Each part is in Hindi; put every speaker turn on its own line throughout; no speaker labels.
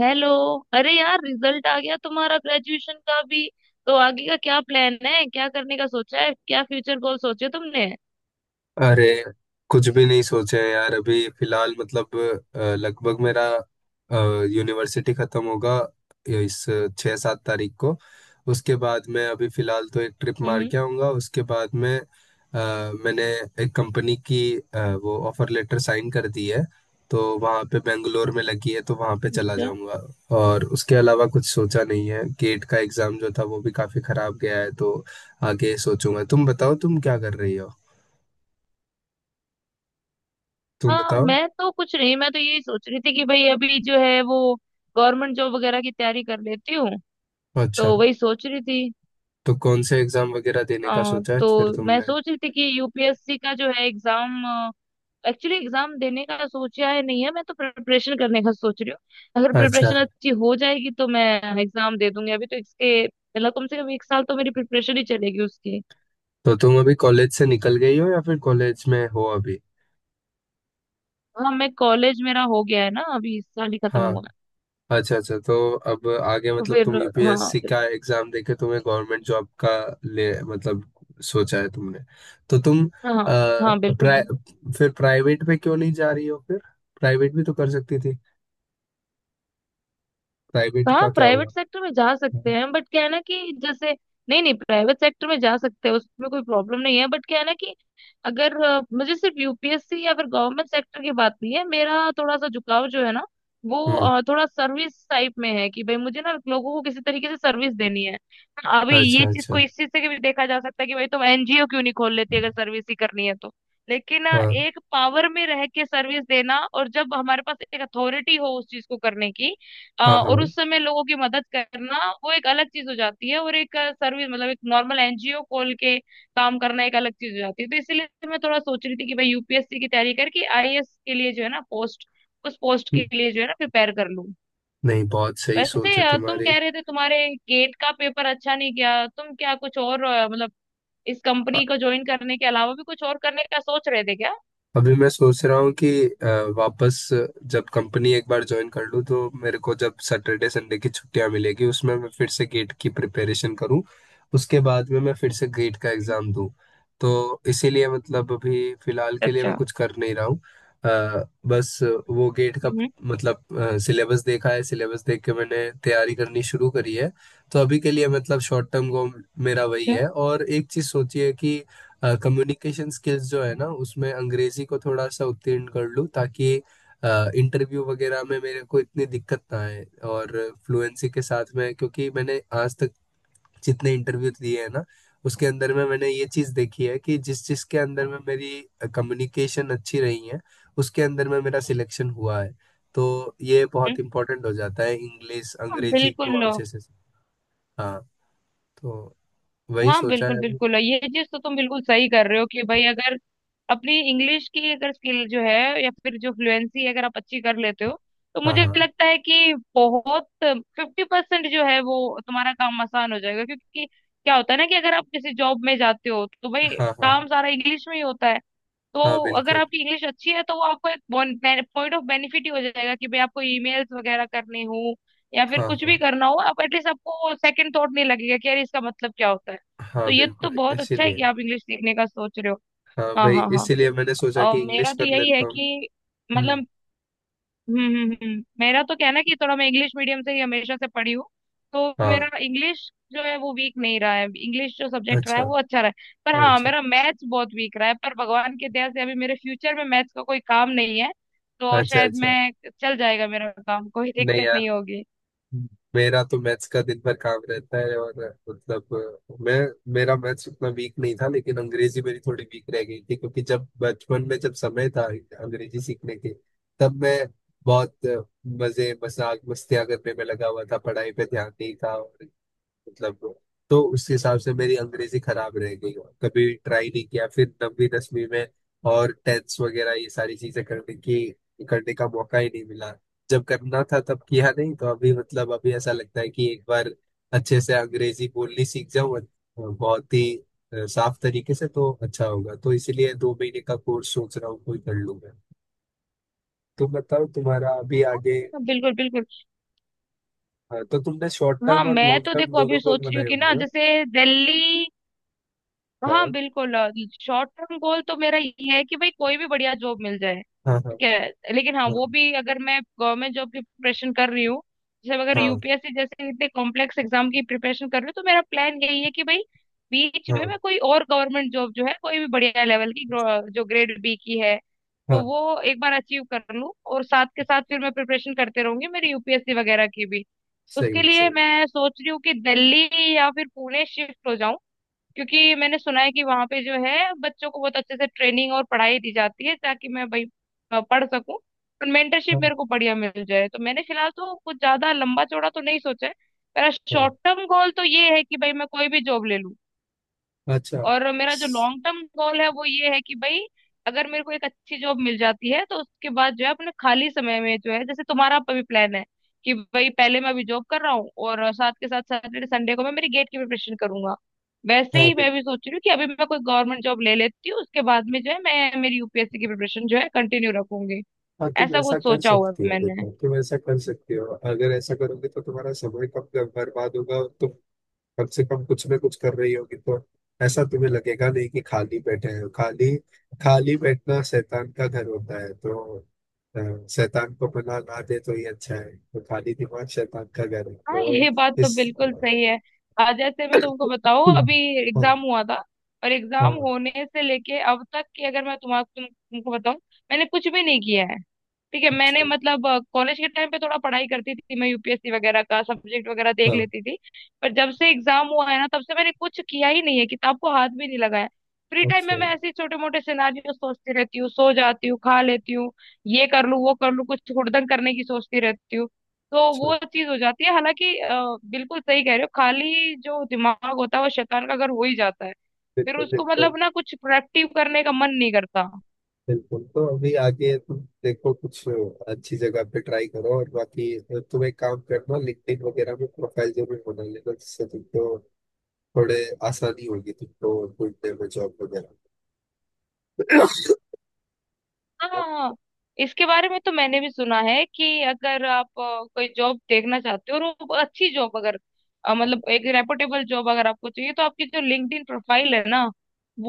हेलो। अरे यार, रिजल्ट आ गया तुम्हारा ग्रेजुएशन का भी। तो आगे का क्या प्लान है, क्या करने का सोचा है, क्या फ्यूचर गोल सोचे तुमने?
अरे कुछ भी नहीं सोचे हैं यार। अभी फिलहाल मतलब लगभग मेरा यूनिवर्सिटी खत्म होगा इस 6-7 तारीख को। उसके बाद मैं अभी फिलहाल तो एक ट्रिप मार
हम्म।
के आऊँगा। उसके बाद में मैंने एक कंपनी की वो ऑफर लेटर साइन कर दी है। तो वहाँ पे बेंगलोर में लगी है, तो वहाँ पे चला
अच्छा।
जाऊँगा। और उसके अलावा कुछ सोचा नहीं है। गेट का एग्ज़ाम जो था वो भी काफ़ी ख़राब गया है, तो आगे सोचूंगा। तुम बताओ, तुम क्या कर रही हो? तुम
हाँ,
बताओ।
मैं तो कुछ नहीं, मैं तो यही सोच रही थी कि भाई अभी जो है वो गवर्नमेंट जॉब वगैरह की तैयारी कर लेती हूँ।
अच्छा।
तो वही सोच रही थी।
तो कौन से एग्जाम वगैरह देने का
हाँ
सोचा है
तो
फिर
मैं
तुमने?
सोच रही थी कि यूपीएससी का जो है एग्जाम, एक्चुअली एग्जाम देने का सोचा है नहीं है, मैं तो प्रिपरेशन करने का सोच रही हूँ। अगर
अच्छा।
प्रिपरेशन अच्छी हो जाएगी तो मैं एग्जाम दे दूंगी। अभी तो इसके मतलब कम से कम एक साल तो मेरी प्रिपरेशन ही चलेगी उसकी।
तो तुम अभी कॉलेज से निकल गई हो या फिर कॉलेज में हो अभी?
हाँ, मैं कॉलेज, मेरा हो गया है ना, अभी इस साल ही खत्म
हाँ।
हुआ है,
अच्छा अच्छा। तो अब आगे
तो
मतलब
फिर,
तुम
हाँ,
यूपीएससी का एग्जाम देके तुम्हें गवर्नमेंट जॉब का ले मतलब सोचा है तुमने? तो तुम
हाँ हाँ, बिल्कुल
प्राइ,
बिल्कुल।
फिर प्राइवेट में क्यों नहीं जा रही हो फिर? प्राइवेट भी तो कर सकती थी। प्राइवेट का
हाँ,
क्या
प्राइवेट
हुआ?
सेक्टर में जा सकते हैं बट क्या है ना कि जैसे, नहीं नहीं, प्राइवेट सेक्टर में जा सकते हैं, उसमें कोई प्रॉब्लम नहीं है, बट क्या है ना कि अगर मुझे सिर्फ यूपीएससी या फिर गवर्नमेंट सेक्टर की बात नहीं है, मेरा थोड़ा सा झुकाव जो है ना वो
हम्म।
थोड़ा सर्विस टाइप में है कि भाई मुझे ना लोगों को किसी तरीके से सर्विस देनी है। अभी
अच्छा
ये चीज
अच्छा।
को इस चीज से भी देखा जा सकता है कि भाई तुम एनजीओ क्यों नहीं खोल लेती अगर सर्विस ही करनी है तो। लेकिन
हाँ
एक पावर में रह के सर्विस देना और जब हमारे पास एक अथॉरिटी हो उस चीज को करने की
हाँ
और
हाँ,
उस समय लोगों की मदद करना, वो एक अलग चीज हो जाती है, और एक सर्विस मतलब एक नॉर्मल एनजीओ खोल के काम करना एक अलग चीज हो जाती है। तो इसीलिए मैं थोड़ा सोच रही थी कि भाई यूपीएससी की तैयारी करके आईएएस के लिए जो है ना पोस्ट, उस पोस्ट के लिए जो है ना प्रिपेयर कर लूं।
नहीं, बहुत सही
वैसे
सोच है
तुम
तुम्हारी।
कह रहे थे तुम्हारे गेट का पेपर अच्छा नहीं गया, तुम क्या कुछ और मतलब इस कंपनी को ज्वाइन करने के अलावा भी कुछ और करने का सोच रहे थे क्या?
अभी मैं सोच रहा हूँ कि वापस जब कंपनी एक बार ज्वाइन कर लूँ तो मेरे को जब सैटरडे संडे की छुट्टियाँ मिलेगी उसमें मैं फिर से गेट की प्रिपरेशन करूँ। उसके बाद में मैं फिर से गेट का
हम्म।
एग्ज़ाम दूँ। तो इसीलिए मतलब अभी फिलहाल के लिए मैं
अच्छा।
कुछ कर नहीं रहा हूँ। बस वो गेट का
हम्म।
मतलब सिलेबस देखा है। सिलेबस देख के मैंने तैयारी करनी शुरू करी है। तो अभी के लिए मतलब शॉर्ट टर्म गोल मेरा वही
अच्छा।
है। और एक चीज़ सोचिए कि कम्युनिकेशन स्किल्स जो है ना उसमें अंग्रेजी को थोड़ा सा उत्तीर्ण कर लूँ, ताकि इंटरव्यू वगैरह में मेरे को इतनी दिक्कत ना आए। और फ्लुएंसी के साथ में, क्योंकि मैंने आज तक जितने इंटरव्यू दिए हैं ना, उसके अंदर में मैंने ये चीज देखी है कि जिस जिस के अंदर में मेरी कम्युनिकेशन अच्छी रही है, उसके अंदर में मेरा सिलेक्शन हुआ है। तो ये
हम्म।
बहुत इम्पोर्टेंट हो जाता है इंग्लिश
हाँ,
अंग्रेजी
बिल्कुल।
को अच्छे से। हाँ। तो वही
हाँ,
सोचा है
बिल्कुल
अभी।
बिल्कुल, ये चीज तो तुम बिल्कुल सही कर रहे हो कि भाई अगर अपनी इंग्लिश की अगर स्किल जो है या फिर जो फ्लुएंसी अगर आप अच्छी कर लेते हो, तो
हाँ
मुझे
हाँ
लगता है कि बहुत 50% जो है वो तुम्हारा काम आसान हो जाएगा, क्योंकि क्या होता है ना कि अगर आप किसी जॉब में जाते हो तो भाई
हाँ हाँ
काम सारा इंग्लिश में ही होता है।
हाँ
तो अगर
बिल्कुल।
आपकी इंग्लिश अच्छी है तो वो आपको एक पॉइंट ऑफ बेनिफिट ही हो जाएगा कि भाई आपको ईमेल्स वगैरह करने हो या फिर
हाँ
कुछ
हाँ
भी करना हो, आप एटलीस्ट, आपको सेकंड थॉट नहीं लगेगा कि यार इसका मतलब क्या होता है।
हाँ,
तो ये तो
बिल्कुल
बहुत अच्छा है
इसीलिए।
कि आप इंग्लिश सीखने का सोच रहे हो।
हाँ
हाँ
भाई,
हाँ हाँ।
इसीलिए मैंने सोचा कि
और
इंग्लिश
मेरा तो
कर
यही है
लेता हूँ।
कि
हम्म।
मतलब, मेरा तो कहना है कि थोड़ा मैं इंग्लिश मीडियम से ही हमेशा से पढ़ी हूँ, तो
हाँ।
मेरा इंग्लिश जो है वो वीक नहीं रहा है, इंग्लिश जो सब्जेक्ट रहा
अच्छा
है वो अच्छा रहा है, पर हाँ
अच्छा।
मेरा मैथ्स बहुत वीक रहा है, पर भगवान की दया से अभी मेरे फ्यूचर में मैथ्स का कोई काम नहीं है। तो
अच्छा
शायद
अच्छा।
मैं, चल जाएगा मेरा काम, कोई
नहीं
दिक्कत
यार,
नहीं होगी।
मेरा तो मैथ्स का दिन भर काम रहता है। और मतलब मैं मेरा मैथ्स उतना वीक नहीं था, लेकिन अंग्रेजी मेरी थोड़ी वीक रह गई थी। क्योंकि जब बचपन में जब समय था अंग्रेजी सीखने के, तब मैं बहुत मजे मजाक मस्तियां करने में लगा हुआ था। पढ़ाई पे ध्यान नहीं था। और मतलब तो उस हिसाब से मेरी अंग्रेजी खराब रह गई और कभी ट्राई नहीं किया फिर नवीं दसवीं में। और टेंस वगैरह ये सारी चीजें करने की करने का मौका ही नहीं मिला। जब करना था तब किया नहीं। तो अभी मतलब अभी ऐसा लगता है कि एक बार अच्छे से अंग्रेजी बोलनी सीख जाऊं, बहुत ही साफ तरीके से, तो अच्छा होगा। तो इसीलिए 2 महीने का कोर्स सोच रहा हूँ, कोई कर लूंगा। तुम बताओ तुम्हारा अभी आगे
हाँ, बिल्कुल बिल्कुल।
तो तुमने शॉर्ट
हाँ,
टर्म और
मैं
लॉन्ग
तो
टर्म
देखो अभी
दोनों गोल
सोच रही हूँ
बनाए
कि
होंगे
ना
ना?
जैसे दिल्ली, हाँ
हाँ
बिल्कुल, शॉर्ट टर्म गोल तो मेरा ये है कि भाई कोई भी बढ़िया जॉब मिल जाए,
हाँ हाँ
ठीक है, लेकिन हाँ
हाँ
वो भी अगर मैं गवर्नमेंट जॉब की प्रिपरेशन कर रही हूँ, जैसे अगर
हाँ
यूपीएससी जैसे इतने कॉम्प्लेक्स एग्जाम की प्रिपरेशन कर रही हूँ, तो मेरा प्लान यही है कि भाई बीच में
हाँ
मैं कोई और गवर्नमेंट जॉब जो है कोई भी बढ़िया लेवल की जो ग्रेड बी की है, तो
हाँ।
वो एक बार अचीव कर लूँ और साथ के साथ फिर मैं प्रिपरेशन करते रहूंगी मेरी यूपीएससी वगैरह की भी। उसके
सही
लिए
सही।
मैं सोच रही हूँ कि दिल्ली या फिर पुणे शिफ्ट हो जाऊं, क्योंकि मैंने सुना है कि वहां पे जो है बच्चों को बहुत अच्छे से ट्रेनिंग और पढ़ाई दी जाती है, ताकि मैं भाई पढ़ सकूं और मेंटरशिप
हाँ
मेरे को बढ़िया मिल जाए, तो मैंने फिलहाल तो कुछ ज्यादा लंबा चौड़ा तो नहीं सोचा है। मेरा
हाँ।
शॉर्ट टर्म गोल तो ये है कि भाई मैं कोई भी जॉब ले लूं,
अच्छा।
और मेरा जो
स-
लॉन्ग टर्म गोल है वो ये है कि भाई अगर मेरे को एक अच्छी जॉब मिल जाती है तो उसके बाद जो है अपने खाली समय में जो है, जैसे तुम्हारा अभी प्लान है कि भाई पहले मैं अभी जॉब कर रहा हूँ और साथ के साथ सैटरडे संडे को मैं मेरी गेट की प्रिपरेशन करूंगा, वैसे
हाँ
ही
भी।
मैं भी सोच रही हूँ कि अभी मैं कोई गवर्नमेंट जॉब ले लेती हूँ, उसके बाद में जो है मैं मेरी यूपीएससी की प्रिपरेशन जो है कंटिन्यू रखूंगी।
हाँ, तुम
ऐसा
ऐसा
कुछ
कर
सोचा हुआ
सकती
है
हो,
मैंने।
देखो तुम ऐसा कर सकती हो। अगर ऐसा करोगे तो तुम्हारा समय कम कम बर्बाद होगा और तुम कम से कम कुछ ना कुछ कर रही होगी, तो ऐसा तुम्हें लगेगा नहीं कि खाली बैठे हैं। खाली खाली बैठना शैतान का घर होता है, तो शैतान को पनाह ना दे, तो ये अच्छा है। तो खाली दिमाग शैतान का घर है।
हाँ,
तो
ये बात तो
इस।
बिल्कुल सही है। जैसे मैं तुमको बताऊँ,
हम्म।
अभी
हाँ
एग्जाम हुआ था, और एग्जाम
हाँ।
होने से लेके अब तक की अगर मैं तुमको बताऊँ, मैंने कुछ भी नहीं किया है। ठीक है, मैंने
अच्छा।
मतलब कॉलेज के टाइम पे थोड़ा पढ़ाई करती थी, मैं यूपीएससी वगैरह का सब्जेक्ट वगैरह देख
हाँ।
लेती थी, पर जब से एग्जाम हुआ है ना तब से मैंने कुछ किया ही नहीं है, किताब को हाथ भी नहीं लगाया। फ्री टाइम में
अच्छा
मैं ऐसे छोटे मोटे सिनारियो सोचती रहती हूँ, सो जाती हूँ, खा लेती हूँ, ये कर लूँ वो कर लूँ, कुछ हुड़दंग करने की सोचती रहती हूँ, तो
अच्छा।
वो चीज हो जाती है। हालांकि बिल्कुल सही कह रहे हो, खाली जो दिमाग होता है वो शैतान का घर हो ही जाता है, फिर
बिल्कुल
उसको
बिल्कुल।
मतलब ना कुछ प्रोडक्टिव करने का मन नहीं करता।
बिल्कुल तो अभी आगे तुम देखो कुछ अच्छी जगह पे ट्राई करो। और बाकी तुम एक काम करना, लिंक्डइन वगैरह में प्रोफाइल जरूर बना लेना, जिससे तुमको थोड़े आसानी होगी तुमको ढूंढने में जॉब वगैरह। और-
हाँ, इसके बारे में तो मैंने भी सुना है कि अगर आप कोई जॉब देखना चाहते हो और वो अच्छी जॉब अगर मतलब एक रेपुटेबल जॉब अगर आपको चाहिए, तो आपकी जो लिंक्डइन प्रोफाइल है ना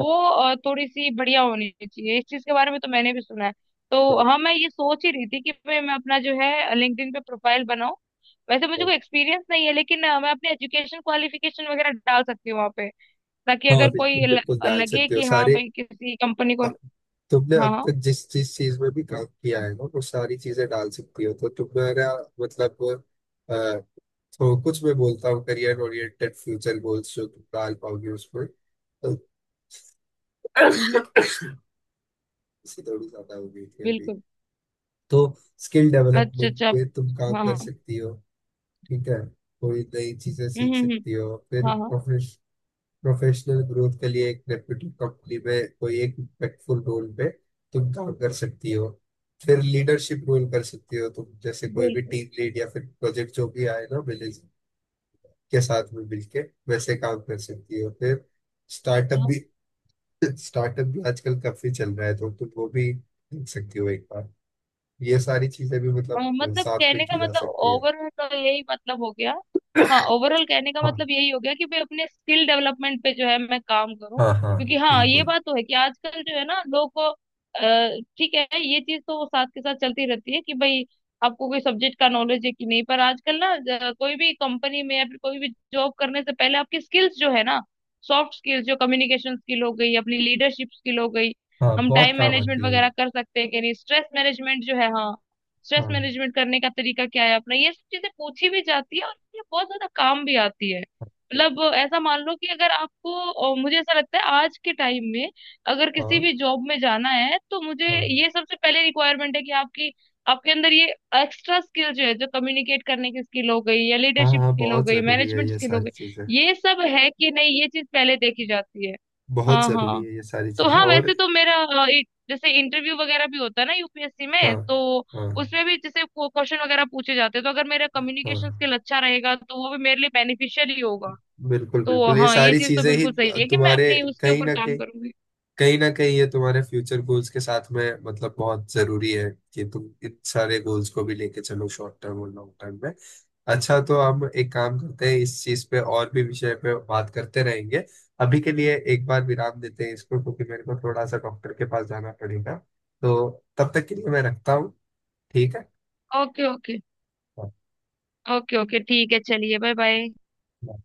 हाँ
थोड़ी सी बढ़िया होनी चाहिए, इस चीज के बारे में तो मैंने भी सुना है। तो हाँ, मैं ये सोच ही रही थी कि मैं अपना जो है लिंक्डइन पे प्रोफाइल बनाऊं। वैसे मुझे
हाँ,
कोई एक्सपीरियंस नहीं है, लेकिन मैं अपने एजुकेशन क्वालिफिकेशन वगैरह डाल सकती हूँ वहाँ पे, ताकि
हाँ,
अगर
बिल्कुल
कोई
बिल्कुल डाल
लगे
सकते हो
कि हाँ
सारे।
भाई किसी कंपनी को।
आप- तुमने
हाँ
अब
हाँ।
तक जिस जिस चीज में भी काम किया है ना वो सारी चीजें डाल सकती हो, तो तुम्हारा मतलब अ, तो कुछ मैं बोलता हूँ करियर ओरिएंटेड फ्यूचर गोल्स जो तुम डाल पाओगे उसमें। तो
हम्म। हम्म।
इससे थोड़ी ज्यादा हो गई थी अभी।
बिल्कुल।
तो स्किल
अच्छा
डेवलपमेंट
अच्छा।
पे तुम काम
हाँ
कर
हाँ।
सकती हो। ठीक है। कोई नई चीजें सीख
हम्म।
सकती हो। फिर
हाँ हाँ
प्रोफेशनल ग्रोथ के लिए एक रेप्यूटेड कंपनी में कोई एक इम्पैक्टफुल रोल पे तुम काम कर सकती हो। फिर लीडरशिप रोल कर सकती हो तुम, जैसे कोई भी
बिल्कुल।
टीम लीड या फिर प्रोजेक्ट जो भी आए ना विलेज के साथ में मिलके, वैसे काम कर सकती हो। फिर स्टार्टअप भी।
हाँ
स्टार्टअप भी आजकल काफी चल रहा है, तो तुम वो भी देख सकती हो एक बार। ये सारी चीजें भी मतलब
मतलब
साथ में
कहने
की
का
जा
मतलब
सकती है।
ओवरऑल तो यही मतलब हो गया। हाँ, ओवरऑल कहने का
हाँ
मतलब यही हो गया कि भाई अपने स्किल डेवलपमेंट पे जो है मैं काम करूँ,
हाँ हाँ
क्योंकि हाँ ये
बिल्कुल।
बात तो है कि आजकल जो है ना लोग को ठीक है, ये चीज तो साथ के साथ चलती रहती है कि भाई आपको कोई सब्जेक्ट का नॉलेज है कि नहीं, पर आजकल ना कोई भी कंपनी में या फिर कोई भी जॉब करने से पहले आपकी स्किल्स जो है ना, सॉफ्ट स्किल्स जो कम्युनिकेशन स्किल हो गई, अपनी लीडरशिप स्किल हो गई,
हाँ
हम
बहुत
टाइम
काम
मैनेजमेंट
आती है
वगैरह
ये।
कर सकते हैं कि नहीं, स्ट्रेस मैनेजमेंट जो है, हाँ स्ट्रेस
हाँ
मैनेजमेंट करने का तरीका क्या है अपना, ये सब चीजें पूछी भी जाती है और ये बहुत ज्यादा काम भी आती है।
बिल्कुल,
मतलब ऐसा मान लो कि अगर आपको मुझे ऐसा लगता है आज के टाइम में अगर किसी भी
हाँ
जॉब में जाना है, तो मुझे
हाँ
ये सबसे पहले रिक्वायरमेंट है कि आपकी आपके अंदर ये एक्स्ट्रा स्किल जो है, जो कम्युनिकेट करने की स्किल हो गई या
हाँ।
लीडरशिप
हाँ
स्किल हो
बहुत
गई,
जरूरी है
मैनेजमेंट
ये
स्किल हो
सारी
गई,
चीजें।
ये सब है कि नहीं, ये चीज पहले देखी जाती है।
बहुत
हाँ
जरूरी
हाँ।
है ये सारी
तो
चीजें।
हाँ
और
वैसे तो मेरा एक जैसे इंटरव्यू वगैरह भी होता है ना यूपीएससी
हाँ
में, तो
हाँ
उसमें भी जैसे क्वेश्चन वगैरह पूछे जाते हैं, तो अगर मेरा
हाँ,
कम्युनिकेशन स्किल अच्छा रहेगा तो वो भी मेरे लिए बेनिफिशियल ही होगा।
बिल्कुल
तो
बिल्कुल, ये
हाँ, ये
सारी
चीज तो
चीजें ही
बिल्कुल सही है कि मैं
तुम्हारे
अपने उसके
कहीं
ऊपर
ना
काम
कहीं,
करूंगी।
कहीं ना कहीं ये तुम्हारे फ्यूचर गोल्स के साथ में मतलब बहुत जरूरी है, कि तुम इन सारे गोल्स को भी लेके चलो शॉर्ट टर्म और लॉन्ग टर्म में। अच्छा, तो हम एक काम करते हैं, इस चीज पे और भी विषय पे बात करते रहेंगे। अभी के लिए एक बार विराम देते हैं इसको, क्योंकि मेरे को थोड़ा सा डॉक्टर के पास जाना पड़ेगा। तो तब तक के लिए मैं रखता हूँ। ठीक है।
Okay okay.
हाँ,
ओके ओके, ठीक है, चलिए, बाय बाय।
बाय।